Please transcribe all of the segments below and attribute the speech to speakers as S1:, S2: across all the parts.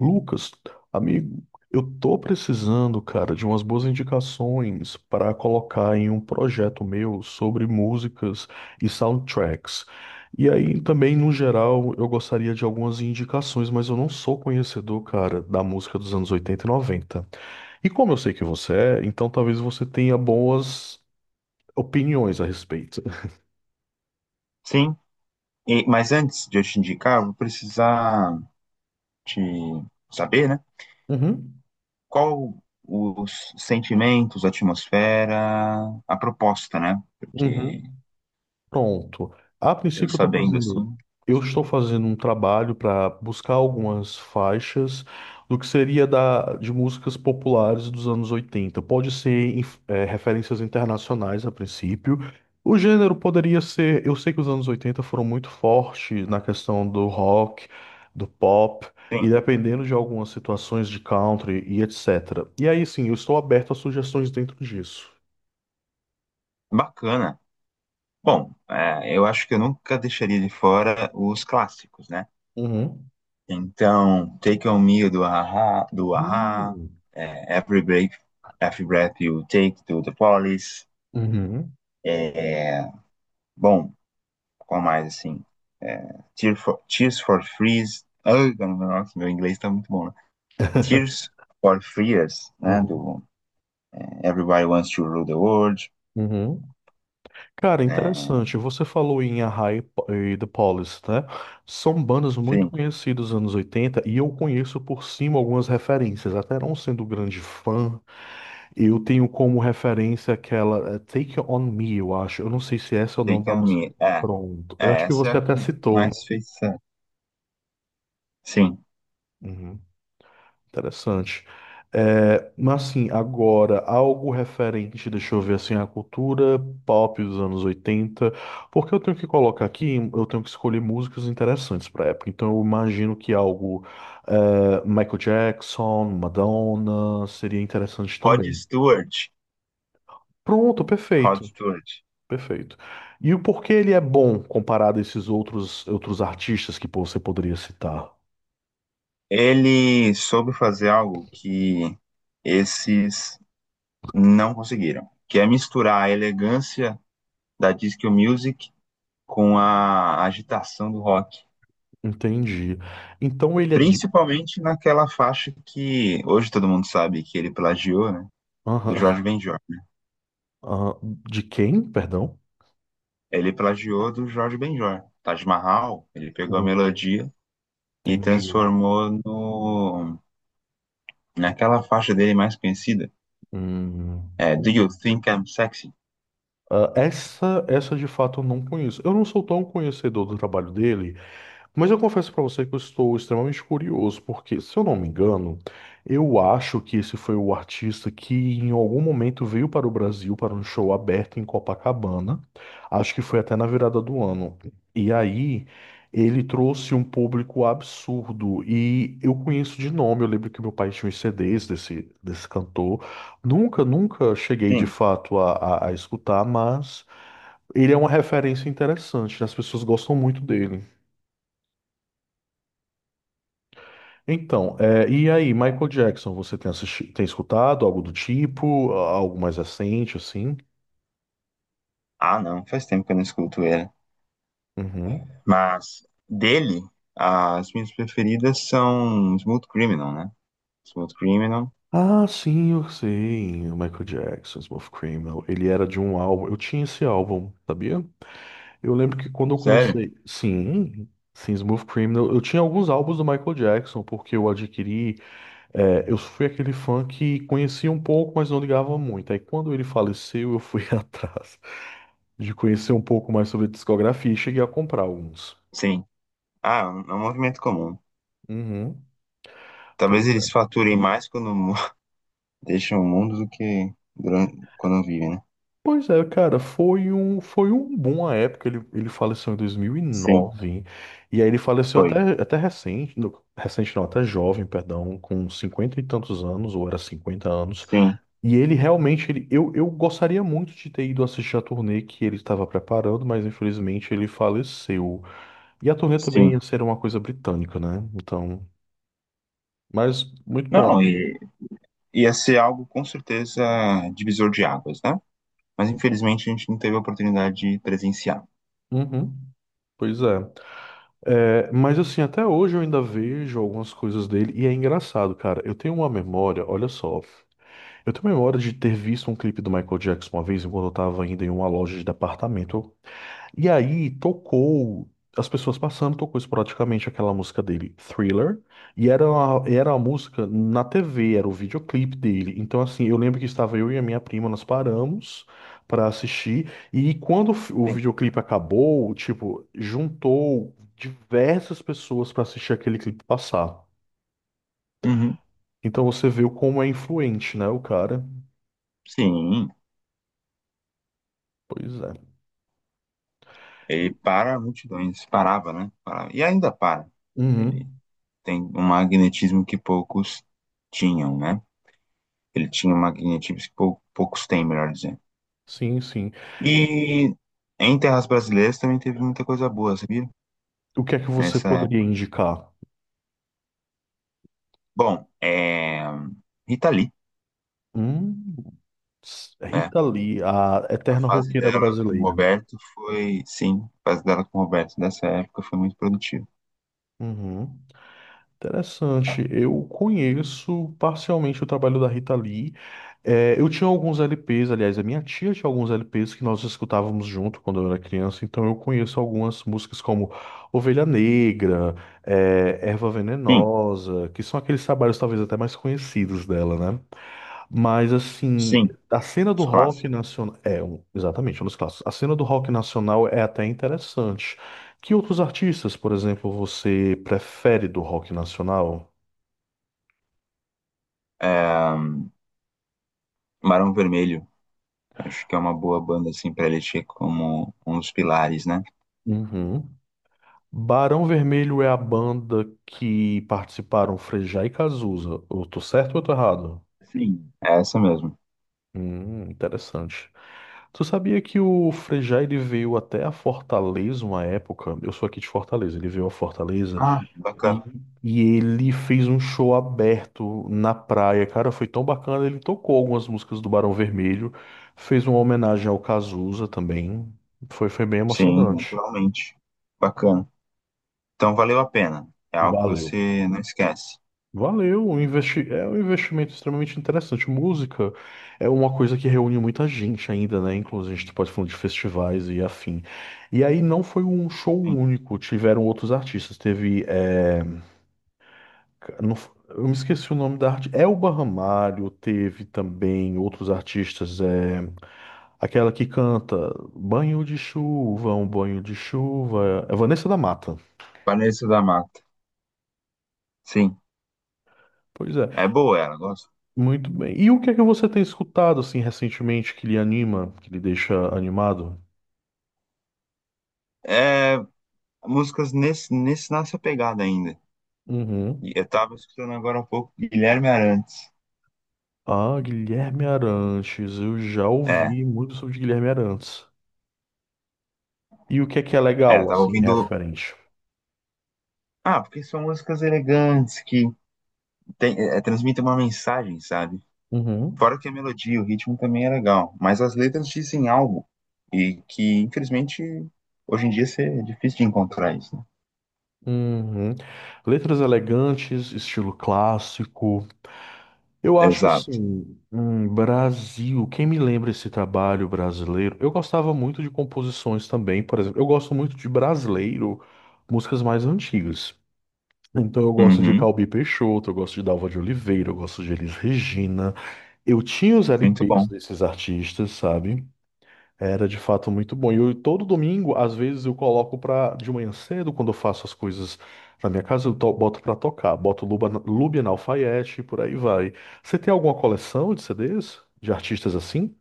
S1: Lucas, amigo, eu tô precisando, cara, de umas boas indicações para colocar em um projeto meu sobre músicas e soundtracks. E aí também, no geral, eu gostaria de algumas indicações, mas eu não sou conhecedor, cara, da música dos anos 80 e 90. E como eu sei que você é, então talvez você tenha boas opiniões a respeito.
S2: Sim, mas antes de eu te indicar, eu vou precisar te saber, né?
S1: Uhum.
S2: Qual os sentimentos, a atmosfera, a proposta, né?
S1: Uhum.
S2: Porque
S1: Pronto. A
S2: eu
S1: princípio, eu estou
S2: sabendo assim,
S1: fazendo, eu estou fazendo um trabalho para buscar algumas faixas do que seria de músicas populares dos anos 80. Pode ser referências internacionais a princípio. O gênero poderia ser. Eu sei que os anos 80 foram muito fortes na questão do rock, do pop, e
S2: sim,
S1: dependendo de algumas situações de country e etc. E aí, sim, eu estou aberto a sugestões dentro disso.
S2: bacana. Bom, eu acho que eu nunca deixaria de fora os clássicos, né?
S1: Uhum.
S2: Então, Take On Me do Aha,
S1: Hum.
S2: é, Every Breath You Take do The Police.
S1: Uhum.
S2: É, bom. Qual mais, assim? É, Tears for Fears. Ai, nossa, meu inglês tá muito bom, né? Tears for Fears, né?
S1: Uhum.
S2: Do é, Everybody Wants to Rule the World.
S1: Uhum. Cara,
S2: É,
S1: interessante. Você falou em a Arrai e The Police, né? São bandas muito
S2: enfim,
S1: conhecidas dos anos 80 e eu conheço por cima algumas referências. Até não sendo grande fã, eu tenho como referência aquela Take On Me, eu acho. Eu não sei se essa é o nome
S2: Take
S1: da
S2: On
S1: música.
S2: Me. É,
S1: Pronto. Eu
S2: é,
S1: acho que
S2: essa é
S1: você
S2: a
S1: até
S2: que
S1: citou, né?
S2: mais fez sucesso. Sim.
S1: Uhum. Interessante. É, mas assim, agora, algo referente, deixa eu ver assim, a cultura pop dos anos 80 porque eu tenho que colocar aqui, eu tenho que escolher músicas interessantes para época. Então eu imagino que algo é, Michael Jackson, Madonna, seria interessante
S2: Rod
S1: também.
S2: Stewart.
S1: Pronto,
S2: Rod
S1: perfeito,
S2: Stewart.
S1: perfeito. E o porquê ele é bom comparado a esses outros artistas que pô, você poderia citar?
S2: Ele soube fazer algo que esses não conseguiram, que é misturar a elegância da disco music com a agitação do rock.
S1: Entendi. Então ele é de...
S2: Principalmente naquela faixa que hoje todo mundo sabe que ele plagiou, né? Do Jorge
S1: Aham.
S2: Benjor.
S1: Ah, de quem? Perdão?
S2: Ele plagiou do Jorge Benjor. Taj Mahal, ele pegou a
S1: Hum,
S2: melodia e
S1: Entendi.
S2: transformou no naquela faixa dele mais conhecida.
S1: Hum,
S2: É, Do You
S1: entendi.
S2: Think I'm Sexy?
S1: Ah, essa de fato eu não conheço. Eu não sou tão conhecedor do trabalho dele, mas eu confesso para você que eu estou extremamente curioso, porque, se eu não me engano, eu acho que esse foi o artista que em algum momento veio para o Brasil para um show aberto em Copacabana. Acho que foi até na virada do ano. E aí ele trouxe um público absurdo. E eu conheço de nome, eu lembro que meu pai tinha os CDs desse cantor. Nunca, nunca cheguei de
S2: Sim.
S1: fato a escutar, mas ele é uma referência interessante, né? As pessoas gostam muito dele. Então, e aí, Michael Jackson, você tem tem escutado algo do tipo, algo mais recente, assim?
S2: Ah, não, faz tempo que eu não escuto ele.
S1: Uhum.
S2: Mas dele, as minhas preferidas são Smooth Criminal, né? Smooth Criminal.
S1: Ah, sim, eu sei. O Michael Jackson, Smooth Criminal. Ele era de um álbum. Eu tinha esse álbum, sabia? Eu lembro que quando eu
S2: Sério?
S1: comecei. Sim, sim, Smooth Criminal. Eu tinha alguns álbuns do Michael Jackson, porque eu adquiri. É, eu fui aquele fã que conhecia um pouco, mas não ligava muito. Aí quando ele faleceu, eu fui atrás de conhecer um pouco mais sobre a discografia e cheguei a comprar alguns.
S2: Sim. Ah, é um movimento comum.
S1: Uhum.
S2: Talvez
S1: Pois
S2: eles
S1: é.
S2: faturem mais quando Deixa o mundo do que quando vive, né?
S1: Pois é, cara, foi um boom à época. Ele faleceu em dois mil E
S2: Sim,
S1: nove e aí ele faleceu
S2: foi.
S1: até recente, recente não, até jovem, perdão, com 50 e tantos anos, ou era 50 anos.
S2: Sim,
S1: E ele realmente, eu gostaria muito de ter ido assistir a turnê que ele estava preparando, mas infelizmente ele faleceu. E a turnê também ia
S2: sim.
S1: ser uma coisa britânica, né? Então, mas muito bom.
S2: Não, e ia ser algo com certeza divisor de águas, né? Mas infelizmente a gente não teve a oportunidade de presenciar.
S1: Uhum, pois é. É, mas assim, até hoje eu ainda vejo algumas coisas dele e é engraçado, cara. Eu tenho uma memória, olha só. Eu tenho memória de ter visto um clipe do Michael Jackson uma vez enquanto eu estava ainda em uma loja de departamento. E aí tocou, as pessoas passando, tocou esporadicamente aquela música dele, Thriller, e era a música na TV, era o videoclipe dele. Então, assim, eu lembro que estava eu e a minha prima, nós paramos para assistir, e quando o
S2: Sim.
S1: videoclipe acabou, tipo, juntou diversas pessoas para assistir aquele clipe passar.
S2: Uhum.
S1: Então você viu como é influente, né, o cara?
S2: Sim,
S1: Pois é.
S2: ele para multidões, parava, né? Parava. E ainda para. Ele
S1: Uhum.
S2: tem um magnetismo que poucos tinham, né? Ele tinha um magnetismo que poucos têm, melhor dizendo.
S1: Sim, sim.
S2: E em terras brasileiras também teve muita coisa boa, sabia?
S1: O que é que você
S2: Nessa
S1: poderia
S2: época.
S1: indicar?
S2: Bom, é... Rita Lee,
S1: Hum. É
S2: né?
S1: Rita Lee, a
S2: A
S1: eterna
S2: fase
S1: roqueira
S2: dela com o
S1: brasileira.
S2: Roberto foi, sim, a fase dela com o Roberto nessa época foi muito produtiva.
S1: Uhum. Interessante. Eu conheço parcialmente o trabalho da Rita Lee. É, eu tinha alguns LPs, aliás, a minha tia tinha alguns LPs que nós escutávamos junto quando eu era criança, então eu conheço algumas músicas como Ovelha Negra, Erva
S2: Sim,
S1: Venenosa, que são aqueles trabalhos talvez até mais conhecidos dela, né? Mas assim,
S2: sim,
S1: a cena do
S2: os
S1: rock
S2: clássicos.
S1: nacional é exatamente um dos clássicos. A cena do rock nacional é até interessante. Que outros artistas, por exemplo, você prefere do rock nacional?
S2: Barão Vermelho, acho que é uma boa banda, assim, pra eleger como um dos pilares, né?
S1: Uhum. Barão Vermelho é a banda que participaram Frejá e Cazuza. Eu tô certo ou eu tô errado?
S2: Sim. É essa mesmo.
S1: Interessante. Tu sabia que o Frejá ele veio até a Fortaleza uma época? Eu sou aqui de Fortaleza, ele veio a Fortaleza.
S2: Ah, bacana.
S1: E, e ele fez um show aberto na praia, cara, foi tão bacana. Ele tocou algumas músicas do Barão Vermelho, fez uma homenagem ao Cazuza também. Foi bem
S2: Sim,
S1: emocionante.
S2: naturalmente. Bacana. Então valeu a pena. É algo que
S1: Valeu.
S2: você não esquece.
S1: Valeu, é um investimento extremamente interessante. Música é uma coisa que reúne muita gente ainda, né? Inclusive, a gente pode falar de festivais e afim. E aí não foi um show
S2: Sim.
S1: único, tiveram outros artistas. Teve. Não f- Eu me esqueci o nome da arte. Elba Ramalho teve também outros artistas. É, aquela que canta Banho de Chuva, um banho de chuva. É Vanessa da Mata.
S2: Vanessa da Mata. Sim.
S1: Pois é,
S2: É boa ela, gosto.
S1: muito bem. E o que é que você tem escutado assim recentemente que lhe anima, que lhe deixa animado?
S2: É, músicas nessa pegada ainda. E
S1: Uhum.
S2: eu tava escutando agora há pouco Guilherme Arantes.
S1: Ah, Guilherme Arantes. Eu já
S2: É,
S1: ouvi muito sobre Guilherme Arantes. E o que é
S2: eu
S1: legal
S2: tava
S1: assim,
S2: ouvindo.
S1: referente?
S2: Ah, porque são músicas elegantes que é, transmitem uma mensagem, sabe?
S1: Uhum.
S2: Fora que a melodia, o ritmo também é legal, mas as letras dizem algo e que, infelizmente, hoje em dia isso é difícil de encontrar isso, né?
S1: Uhum. Letras elegantes, estilo clássico. Eu acho
S2: Exato.
S1: assim, Brasil, quem me lembra esse trabalho brasileiro? Eu gostava muito de composições também, por exemplo, eu gosto muito de brasileiro, músicas mais antigas. Então eu gosto de
S2: Uhum,
S1: Calbi Peixoto, eu gosto de Dalva de Oliveira, eu gosto de Elis Regina. Eu tinha os
S2: muito
S1: LPs
S2: bom.
S1: desses artistas, sabe? Era de fato muito bom. E eu, todo domingo, às vezes, eu coloco pra, de manhã cedo, quando eu faço as coisas na minha casa, boto pra tocar. Boto Luba, Lubian Alfaiate e por aí vai. Você tem alguma coleção de CDs? De artistas assim?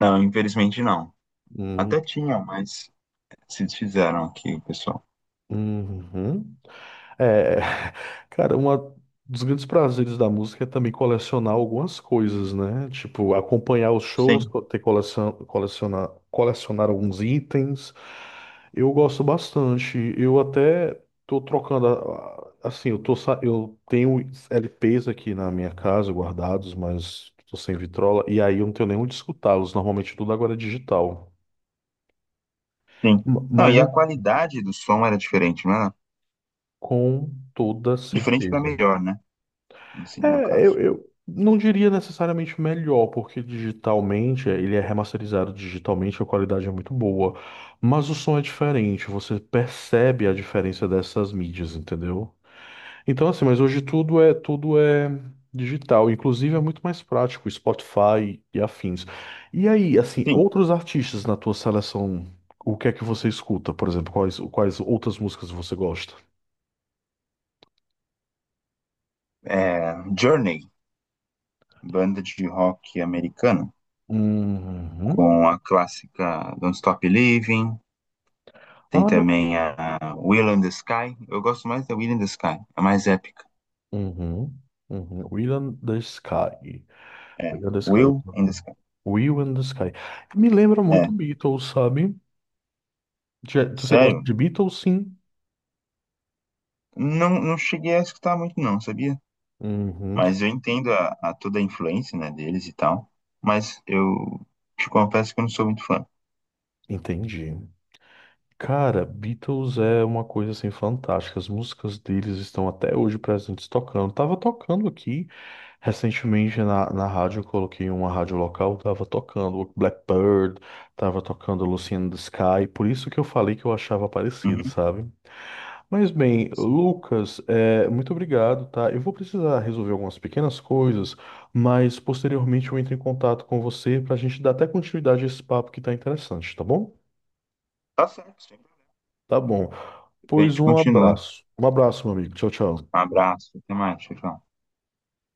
S2: Não, infelizmente não.
S1: Hum,
S2: Até tinham, mas se desfizeram aqui, pessoal.
S1: uhum. É, cara, um dos grandes prazeres da música é também colecionar algumas coisas, né? Tipo, acompanhar os shows,
S2: Sim.
S1: ter coleção, colecionar alguns itens. Eu gosto bastante. Eu até tô trocando, assim, eu tenho LPs aqui na minha casa guardados, mas tô sem vitrola e aí eu não tenho nem onde escutá-los. Normalmente tudo agora é digital.
S2: Sim. Não,
S1: Mas
S2: e a qualidade do som era diferente, né?
S1: com toda
S2: Diferente para
S1: certeza.
S2: melhor, né? No, no
S1: É, eu,
S2: caso.
S1: eu não diria necessariamente melhor, porque digitalmente, ele é remasterizado digitalmente, a qualidade é muito boa. Mas o som é diferente, você percebe a diferença dessas mídias, entendeu? Então, assim, mas hoje tudo é digital, inclusive é muito mais prático, Spotify e afins. E aí, assim,
S2: Sim.
S1: outros artistas na tua seleção, o que é que você escuta, por exemplo, quais outras músicas você gosta?
S2: É, Journey, banda de rock americana,
S1: Uhum.
S2: com a clássica Don't Stop Living. Tem
S1: Ah, eu.
S2: também a Will in the Sky. Eu gosto mais da Will in the Sky, a mais épica.
S1: Uhum, uhum. Will and the Sky.
S2: É,
S1: Will and the Sky. Eu
S2: Will
S1: tô.
S2: in the Sky.
S1: Will and the Sky. Me lembra
S2: É,
S1: muito Beatles, sabe? Você gosta
S2: sério?
S1: de Beatles, sim?
S2: Não, não cheguei a escutar muito, não, sabia?
S1: Uhum,
S2: Mas eu entendo a toda a influência, né, deles e tal. Mas eu te confesso que eu não sou muito fã.
S1: entendi. Cara, Beatles é uma coisa assim fantástica. As músicas deles estão até hoje presentes tocando. Tava tocando aqui recentemente na rádio, eu coloquei uma rádio local, tava tocando Blackbird, tava tocando Lucy in the Sky, por isso que eu falei que eu achava parecido,
S2: Uhum,
S1: sabe? Mas bem,
S2: sim.
S1: Lucas, muito obrigado, tá? Eu vou precisar resolver algumas pequenas coisas, mas posteriormente eu entro em contato com você para a gente dar até continuidade a esse papo que tá interessante, tá bom?
S2: Tá certo, sempre.
S1: Tá bom.
S2: A
S1: Pois
S2: gente
S1: um
S2: continua.
S1: abraço. Um abraço, meu amigo. Tchau, tchau.
S2: Um abraço, até mais, tchau. Tchau.